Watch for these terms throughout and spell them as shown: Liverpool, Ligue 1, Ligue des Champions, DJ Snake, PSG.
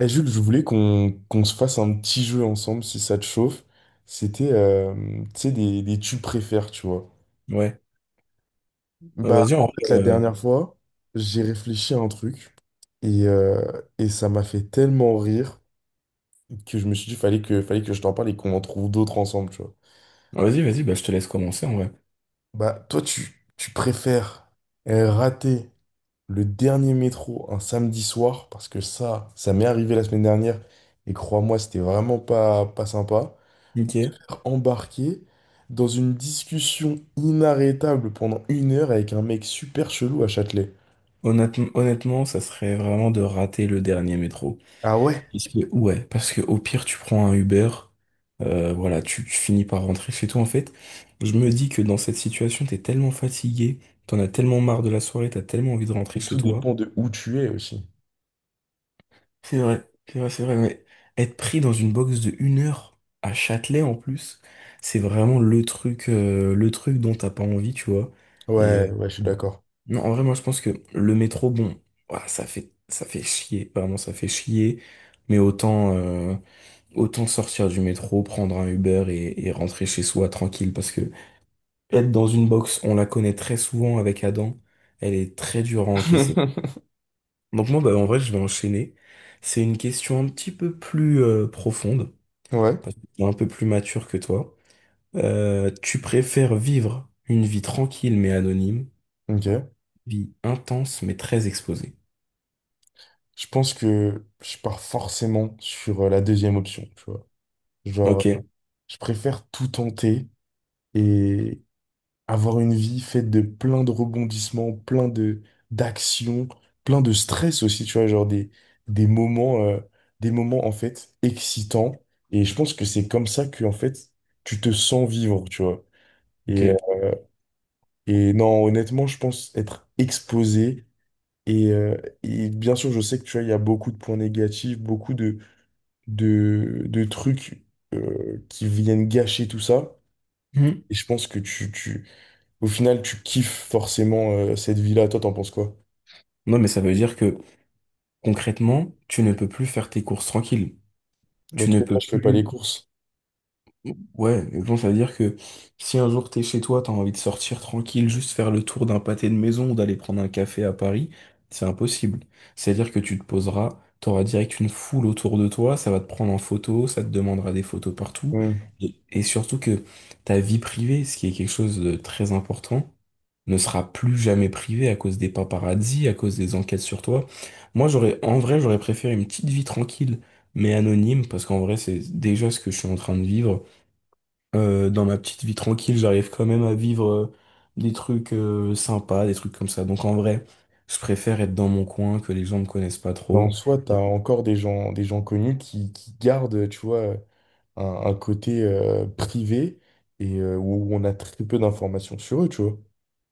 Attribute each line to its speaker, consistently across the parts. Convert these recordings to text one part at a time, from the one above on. Speaker 1: Eh, Jules, je voulais qu'on se fasse un petit jeu ensemble si ça te chauffe. C'était, euh, Tu sais, des tu préfères, tu vois.
Speaker 2: Ouais. Bah,
Speaker 1: Bah,
Speaker 2: vas-y, en
Speaker 1: en
Speaker 2: vrai,
Speaker 1: fait, la dernière fois, j'ai réfléchi à un truc et, euh, et ça m'a fait tellement rire que je me suis dit, fallait que je t'en parle et qu'on en trouve d'autres ensemble, tu vois.
Speaker 2: vas-y, vas-y, bah, je te laisse commencer, en vrai.
Speaker 1: Bah, toi, tu préfères rater le dernier métro un samedi soir, parce que ça m'est arrivé la semaine dernière, et crois-moi, c'était vraiment pas sympa.
Speaker 2: Ok.
Speaker 1: Embarqué dans une discussion inarrêtable pendant une heure avec un mec super chelou à Châtelet.
Speaker 2: Honnêtement, honnêtement, ça serait vraiment de rater le dernier métro.
Speaker 1: Ah ouais?
Speaker 2: Parce que, ouais, parce que au pire, tu prends un Uber, voilà, tu finis par rentrer chez toi, en fait. Je me dis que dans cette situation, t'es tellement fatigué, t'en as tellement marre de la soirée, t'as tellement envie de rentrer
Speaker 1: Et
Speaker 2: chez
Speaker 1: tout
Speaker 2: toi.
Speaker 1: dépend de où tu es aussi.
Speaker 2: C'est vrai, c'est vrai, c'est vrai, mais être pris dans une box de une heure à Châtelet, en plus, c'est vraiment le truc dont t'as pas envie, tu vois.
Speaker 1: Ouais,
Speaker 2: et
Speaker 1: ouais, je suis d'accord.
Speaker 2: Non, en vrai, moi, je pense que le métro, bon, voilà, ça fait chier, vraiment, ça fait chier. Mais autant, autant sortir du métro, prendre un Uber et rentrer chez soi tranquille. Parce que être dans une box, on la connaît très souvent avec Adam, elle est très dure à encaisser. Donc moi, bah, en vrai, je vais enchaîner. C'est une question un petit peu plus profonde,
Speaker 1: Ouais,
Speaker 2: parce que je suis un peu plus mature que toi. Tu préfères vivre une vie tranquille mais anonyme,
Speaker 1: ok.
Speaker 2: vie intense mais très exposée?
Speaker 1: Je pense que je pars forcément sur la deuxième option, tu vois. Genre,
Speaker 2: Ok,
Speaker 1: je préfère tout tenter et avoir une vie faite de plein de rebondissements, plein de d'actions, plein de stress aussi, tu vois, des moments, euh, des moments en fait excitants. Et je pense que c'est comme ça que en fait tu te sens vivre, tu vois. Et,
Speaker 2: ok.
Speaker 1: euh, et non, honnêtement, je pense être exposé. Et, euh, et bien sûr, je sais que, tu vois, il y a beaucoup de points négatifs, beaucoup de, de trucs qui viennent gâcher tout ça.
Speaker 2: Mhm.
Speaker 1: Et je pense que au final, tu kiffes forcément cette vie-là. Toi, t'en penses quoi?
Speaker 2: Non, mais ça veut dire que concrètement, tu ne peux plus faire tes courses tranquille.
Speaker 1: Dans
Speaker 2: Tu
Speaker 1: tous
Speaker 2: ne
Speaker 1: les cas,
Speaker 2: peux
Speaker 1: je fais pas les
Speaker 2: plus.
Speaker 1: courses.
Speaker 2: Ouais, mais bon, ça veut dire que si un jour t'es chez toi, t'as envie de sortir tranquille, juste faire le tour d'un pâté de maison ou d'aller prendre un café à Paris, c'est impossible. C'est-à-dire que tu te poseras, t'auras direct une foule autour de toi, ça va te prendre en photo, ça te demandera des photos partout.
Speaker 1: Hmm.
Speaker 2: Et surtout que ta vie privée, ce qui est quelque chose de très important, ne sera plus jamais privé à cause des paparazzis, à cause des enquêtes sur toi. Moi, j'aurais, en vrai, j'aurais préféré une petite vie tranquille, mais anonyme, parce qu'en vrai, c'est déjà ce que je suis en train de vivre. Dans ma petite vie tranquille, j'arrive quand même à vivre des trucs sympas, des trucs comme ça. Donc en vrai, je préfère être dans mon coin, que les gens me connaissent pas
Speaker 1: Mais en
Speaker 2: trop.
Speaker 1: soi, t'as encore des gens connus qui gardent, tu vois, un côté privé et où on a très peu d'informations sur eux, tu vois.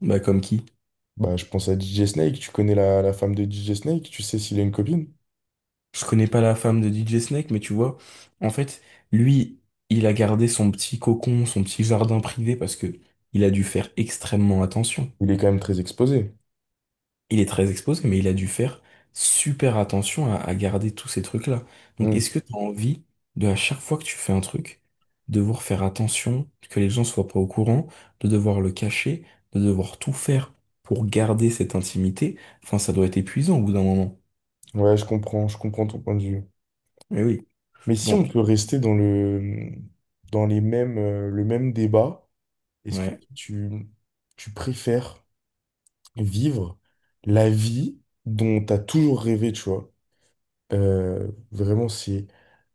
Speaker 2: Bah comme qui?
Speaker 1: Bah, je pense à DJ Snake. Tu connais la femme de DJ Snake? Tu sais s'il a une copine?
Speaker 2: Je connais pas la femme de DJ Snake, mais tu vois, en fait, lui, il a gardé son petit cocon, son petit jardin privé parce que il a dû faire extrêmement attention.
Speaker 1: Il est quand même très exposé.
Speaker 2: Il est très exposé, mais il a dû faire super attention à garder tous ces trucs-là. Donc, est-ce
Speaker 1: Hmm.
Speaker 2: que tu as envie de, à chaque fois que tu fais un truc, devoir faire attention, que les gens soient pas au courant, de devoir le cacher, de devoir tout faire pour garder cette intimité? Enfin, ça doit être épuisant au bout d'un moment.
Speaker 1: Ouais, je comprends ton point de vue.
Speaker 2: Eh oui.
Speaker 1: Mais si on
Speaker 2: Donc,
Speaker 1: peut rester dans les mêmes, le même débat. Est-ce que
Speaker 2: ouais,
Speaker 1: tu, Tu préfères vivre la vie dont tu as toujours rêvé, tu vois? Vraiment, c'est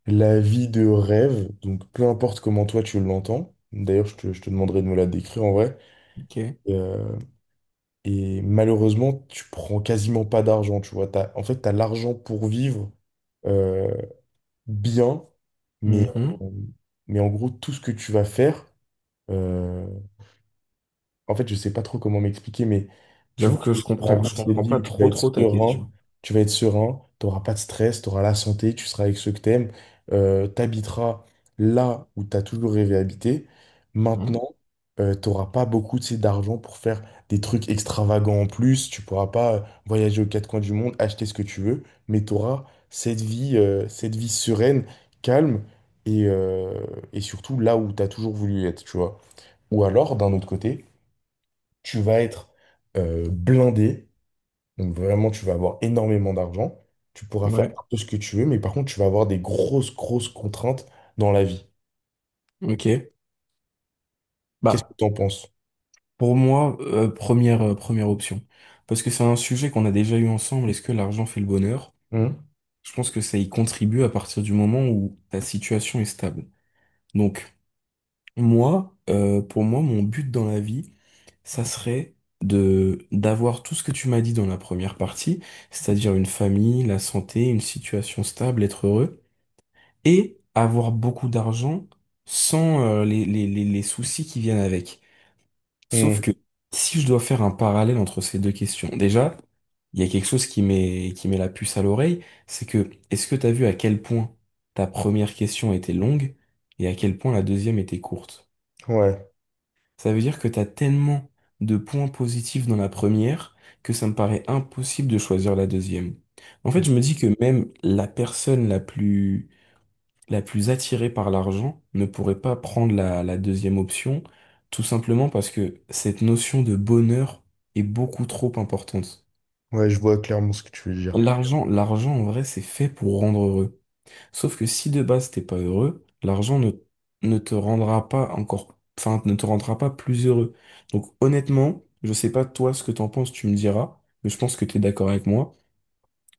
Speaker 1: la vie de rêve, donc peu importe comment toi tu l'entends. D'ailleurs, je te demanderai de me la décrire, en vrai.
Speaker 2: ok.
Speaker 1: Euh, et malheureusement, tu prends quasiment pas d'argent, tu vois. En fait, tu as l'argent pour vivre euh, bien, mais,
Speaker 2: Mhm.
Speaker 1: euh, mais en gros, tout ce que tu vas faire. euh, En fait, je sais pas trop comment m'expliquer, mais tu
Speaker 2: J'avoue
Speaker 1: vas
Speaker 2: que
Speaker 1: réussir à vivre
Speaker 2: je
Speaker 1: cette
Speaker 2: comprends
Speaker 1: vie
Speaker 2: pas
Speaker 1: où
Speaker 2: trop trop ta question.
Speaker 1: tu vas être serein, tu n'auras pas de stress, tu auras la santé, tu seras avec ceux que tu aimes, tu habiteras là où tu as toujours rêvé d'habiter.
Speaker 2: Hein.
Speaker 1: Maintenant, tu n'auras pas beaucoup, tu sais, d'argent pour faire des trucs extravagants en plus, tu pourras pas voyager aux quatre coins du monde, acheter ce que tu veux, mais tu auras cette vie sereine, calme et, euh, et surtout là où tu as toujours voulu être, tu vois. Ou alors, d'un autre côté, tu vas être blindé, donc vraiment tu vas avoir énormément d'argent, tu pourras faire
Speaker 2: Ouais,
Speaker 1: un peu ce que tu veux, mais par contre tu vas avoir des grosses contraintes dans la vie.
Speaker 2: ok.
Speaker 1: Qu'est-ce que
Speaker 2: Bah.
Speaker 1: tu en penses?
Speaker 2: Pour moi, première option. Parce que c'est un sujet qu'on a déjà eu ensemble. Est-ce que l'argent fait le bonheur?
Speaker 1: Hmm.
Speaker 2: Je pense que ça y contribue à partir du moment où ta situation est stable. Donc, moi, pour moi, mon but dans la vie, ça serait d'avoir tout ce que tu m'as dit dans la première partie, c'est-à-dire une famille, la santé, une situation stable, être heureux, et avoir beaucoup d'argent sans, les soucis qui viennent avec. Sauf
Speaker 1: Hmm.
Speaker 2: que si je dois faire un parallèle entre ces deux questions, déjà, il y a quelque chose qui met la puce à l'oreille, c'est que est-ce que t'as vu à quel point ta première question était longue et à quel point la deuxième était courte?
Speaker 1: Ouais,
Speaker 2: Ça veut dire que t'as tellement de points positifs dans la première que ça me paraît impossible de choisir la deuxième. En fait, je me dis que même la personne la plus attirée par l'argent ne pourrait pas prendre la deuxième option, tout simplement parce que cette notion de bonheur est beaucoup trop importante.
Speaker 1: ouais, je vois clairement ce que tu veux dire.
Speaker 2: L'argent en vrai, c'est fait pour rendre heureux. Sauf que si de base t'es pas heureux, l'argent ne, ne te rendra pas encore, enfin, ne te rendra pas plus heureux. Donc honnêtement, je sais pas toi ce que t'en penses, tu me diras, mais je pense que t'es d'accord avec moi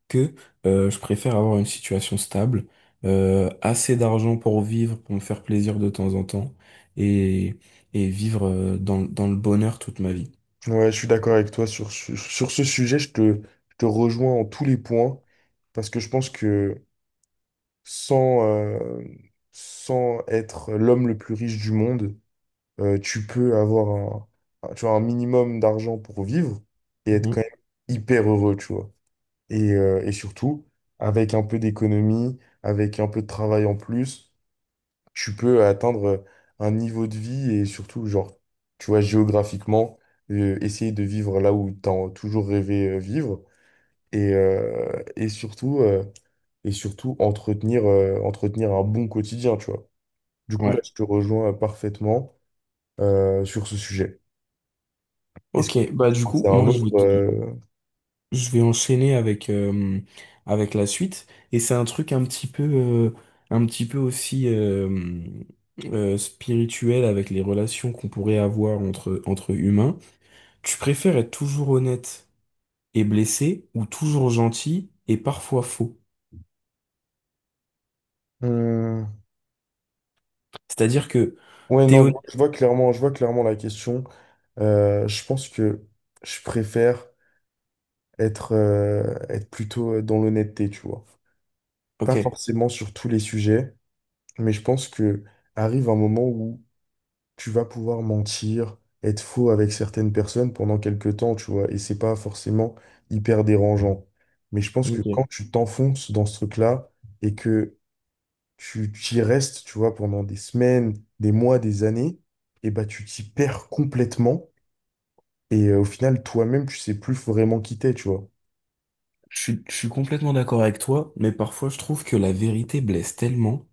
Speaker 2: que je préfère avoir une situation stable, assez d'argent pour vivre, pour me faire plaisir de temps en temps, et, et vivre dans le bonheur toute ma vie.
Speaker 1: Ouais, je suis d'accord avec toi sur, sur ce sujet, je te rejoins en tous les points, parce que je pense que sans, euh, sans être l'homme le plus riche du monde, euh, tu peux avoir un, tu vois, un minimum d'argent pour vivre et être
Speaker 2: Mhm.
Speaker 1: quand même hyper heureux, tu vois. Et surtout, avec un peu d'économie, avec un peu de travail en plus, tu peux atteindre un niveau de vie, et surtout, genre, tu vois, géographiquement, essayer de vivre là où tu as toujours rêvé vivre et, euh, et surtout, euh, et surtout entretenir, entretenir un bon quotidien, tu vois. Du coup, là,
Speaker 2: Ouais.
Speaker 1: je te rejoins parfaitement, sur ce sujet. Est-ce que
Speaker 2: Ok, bah du coup,
Speaker 1: c'est un autre
Speaker 2: je vais enchaîner avec, avec la suite. Et c'est un truc un petit peu aussi spirituel avec les relations qu'on pourrait avoir entre, entre humains. Tu préfères être toujours honnête est blessé ou toujours gentil et parfois faux.
Speaker 1: Hmm.
Speaker 2: C'est-à-dire que
Speaker 1: Ouais,
Speaker 2: t'es
Speaker 1: non,
Speaker 2: honnête.
Speaker 1: je vois clairement la question. Je pense que je préfère être plutôt dans l'honnêteté, tu vois. Pas
Speaker 2: Ok.
Speaker 1: forcément sur tous les sujets, mais je pense que arrive un moment où tu vas pouvoir mentir, être faux avec certaines personnes pendant quelques temps, tu vois, et c'est pas forcément hyper dérangeant. Mais je pense que
Speaker 2: Ok.
Speaker 1: quand tu t'enfonces dans ce truc-là, et que tu y restes, tu vois, pendant des semaines, des mois, des années, et bah tu t'y perds complètement. Au final, toi-même, tu sais plus vraiment qui t'es, tu vois.
Speaker 2: Je suis complètement d'accord avec toi, mais parfois je trouve que la vérité blesse tellement.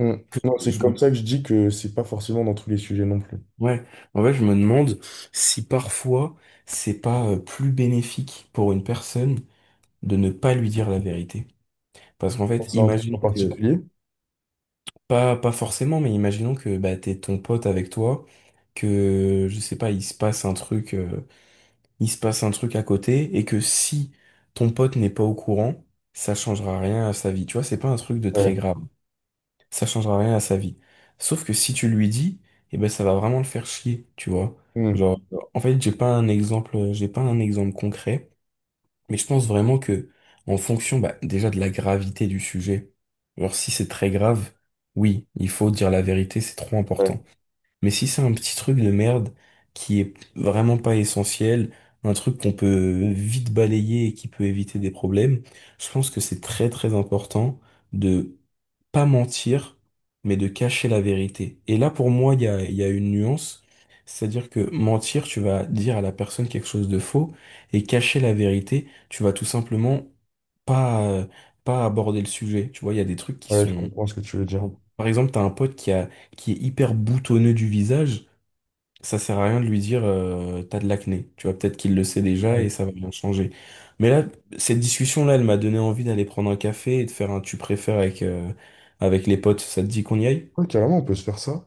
Speaker 1: Mm. Non, c'est
Speaker 2: Je-
Speaker 1: comme ça que je dis que c'est pas forcément dans tous les sujets non plus.
Speaker 2: Ouais. En fait, je me demande si parfois c'est pas plus bénéfique pour une personne de ne pas lui dire la vérité. Parce qu'en
Speaker 1: Je
Speaker 2: fait,
Speaker 1: pense à un truc
Speaker 2: imaginons
Speaker 1: en
Speaker 2: que,
Speaker 1: particulier.
Speaker 2: pas, pas forcément, mais imaginons que bah, t'es ton pote avec toi, que, je sais pas, il se passe un truc. Il se passe un truc à côté et que si ton pote n'est pas au courant, ça changera rien à sa vie. Tu vois, c'est pas un truc de très
Speaker 1: Ouais.
Speaker 2: grave. Ça changera rien à sa vie. Sauf que si tu lui dis, eh ben ça va vraiment le faire chier, tu vois.
Speaker 1: Mm.
Speaker 2: Genre, en fait, j'ai pas un exemple concret, mais je pense vraiment que en fonction, bah, déjà de la gravité du sujet. Alors si c'est très grave, oui, il faut dire la vérité, c'est trop
Speaker 1: Ouais.
Speaker 2: important. Mais si c'est un petit truc de merde qui est vraiment pas essentiel, un truc qu'on peut vite balayer et qui peut éviter des problèmes, je pense que c'est très très important de pas mentir, mais de cacher la vérité. Et là, pour moi, il y a une nuance, c'est-à-dire que mentir, tu vas dire à la personne quelque chose de faux, et cacher la vérité, tu vas tout simplement pas, pas aborder le sujet. Tu vois, il y a des trucs qui
Speaker 1: Ouais, je
Speaker 2: sont...
Speaker 1: comprends ce que tu veux dire.
Speaker 2: Bon, par exemple, t'as un pote qui a, qui est hyper boutonneux du visage, ça sert à rien de lui dire t'as de l'acné. Tu vois, peut-être qu'il le sait déjà
Speaker 1: Ouais,
Speaker 2: et ça va bien changer. Mais là, cette discussion-là, elle m'a donné envie d'aller prendre un café et de faire un tu préfères avec, avec les potes. Ça te dit qu'on y aille?
Speaker 1: ouais, carrément, on peut se faire ça.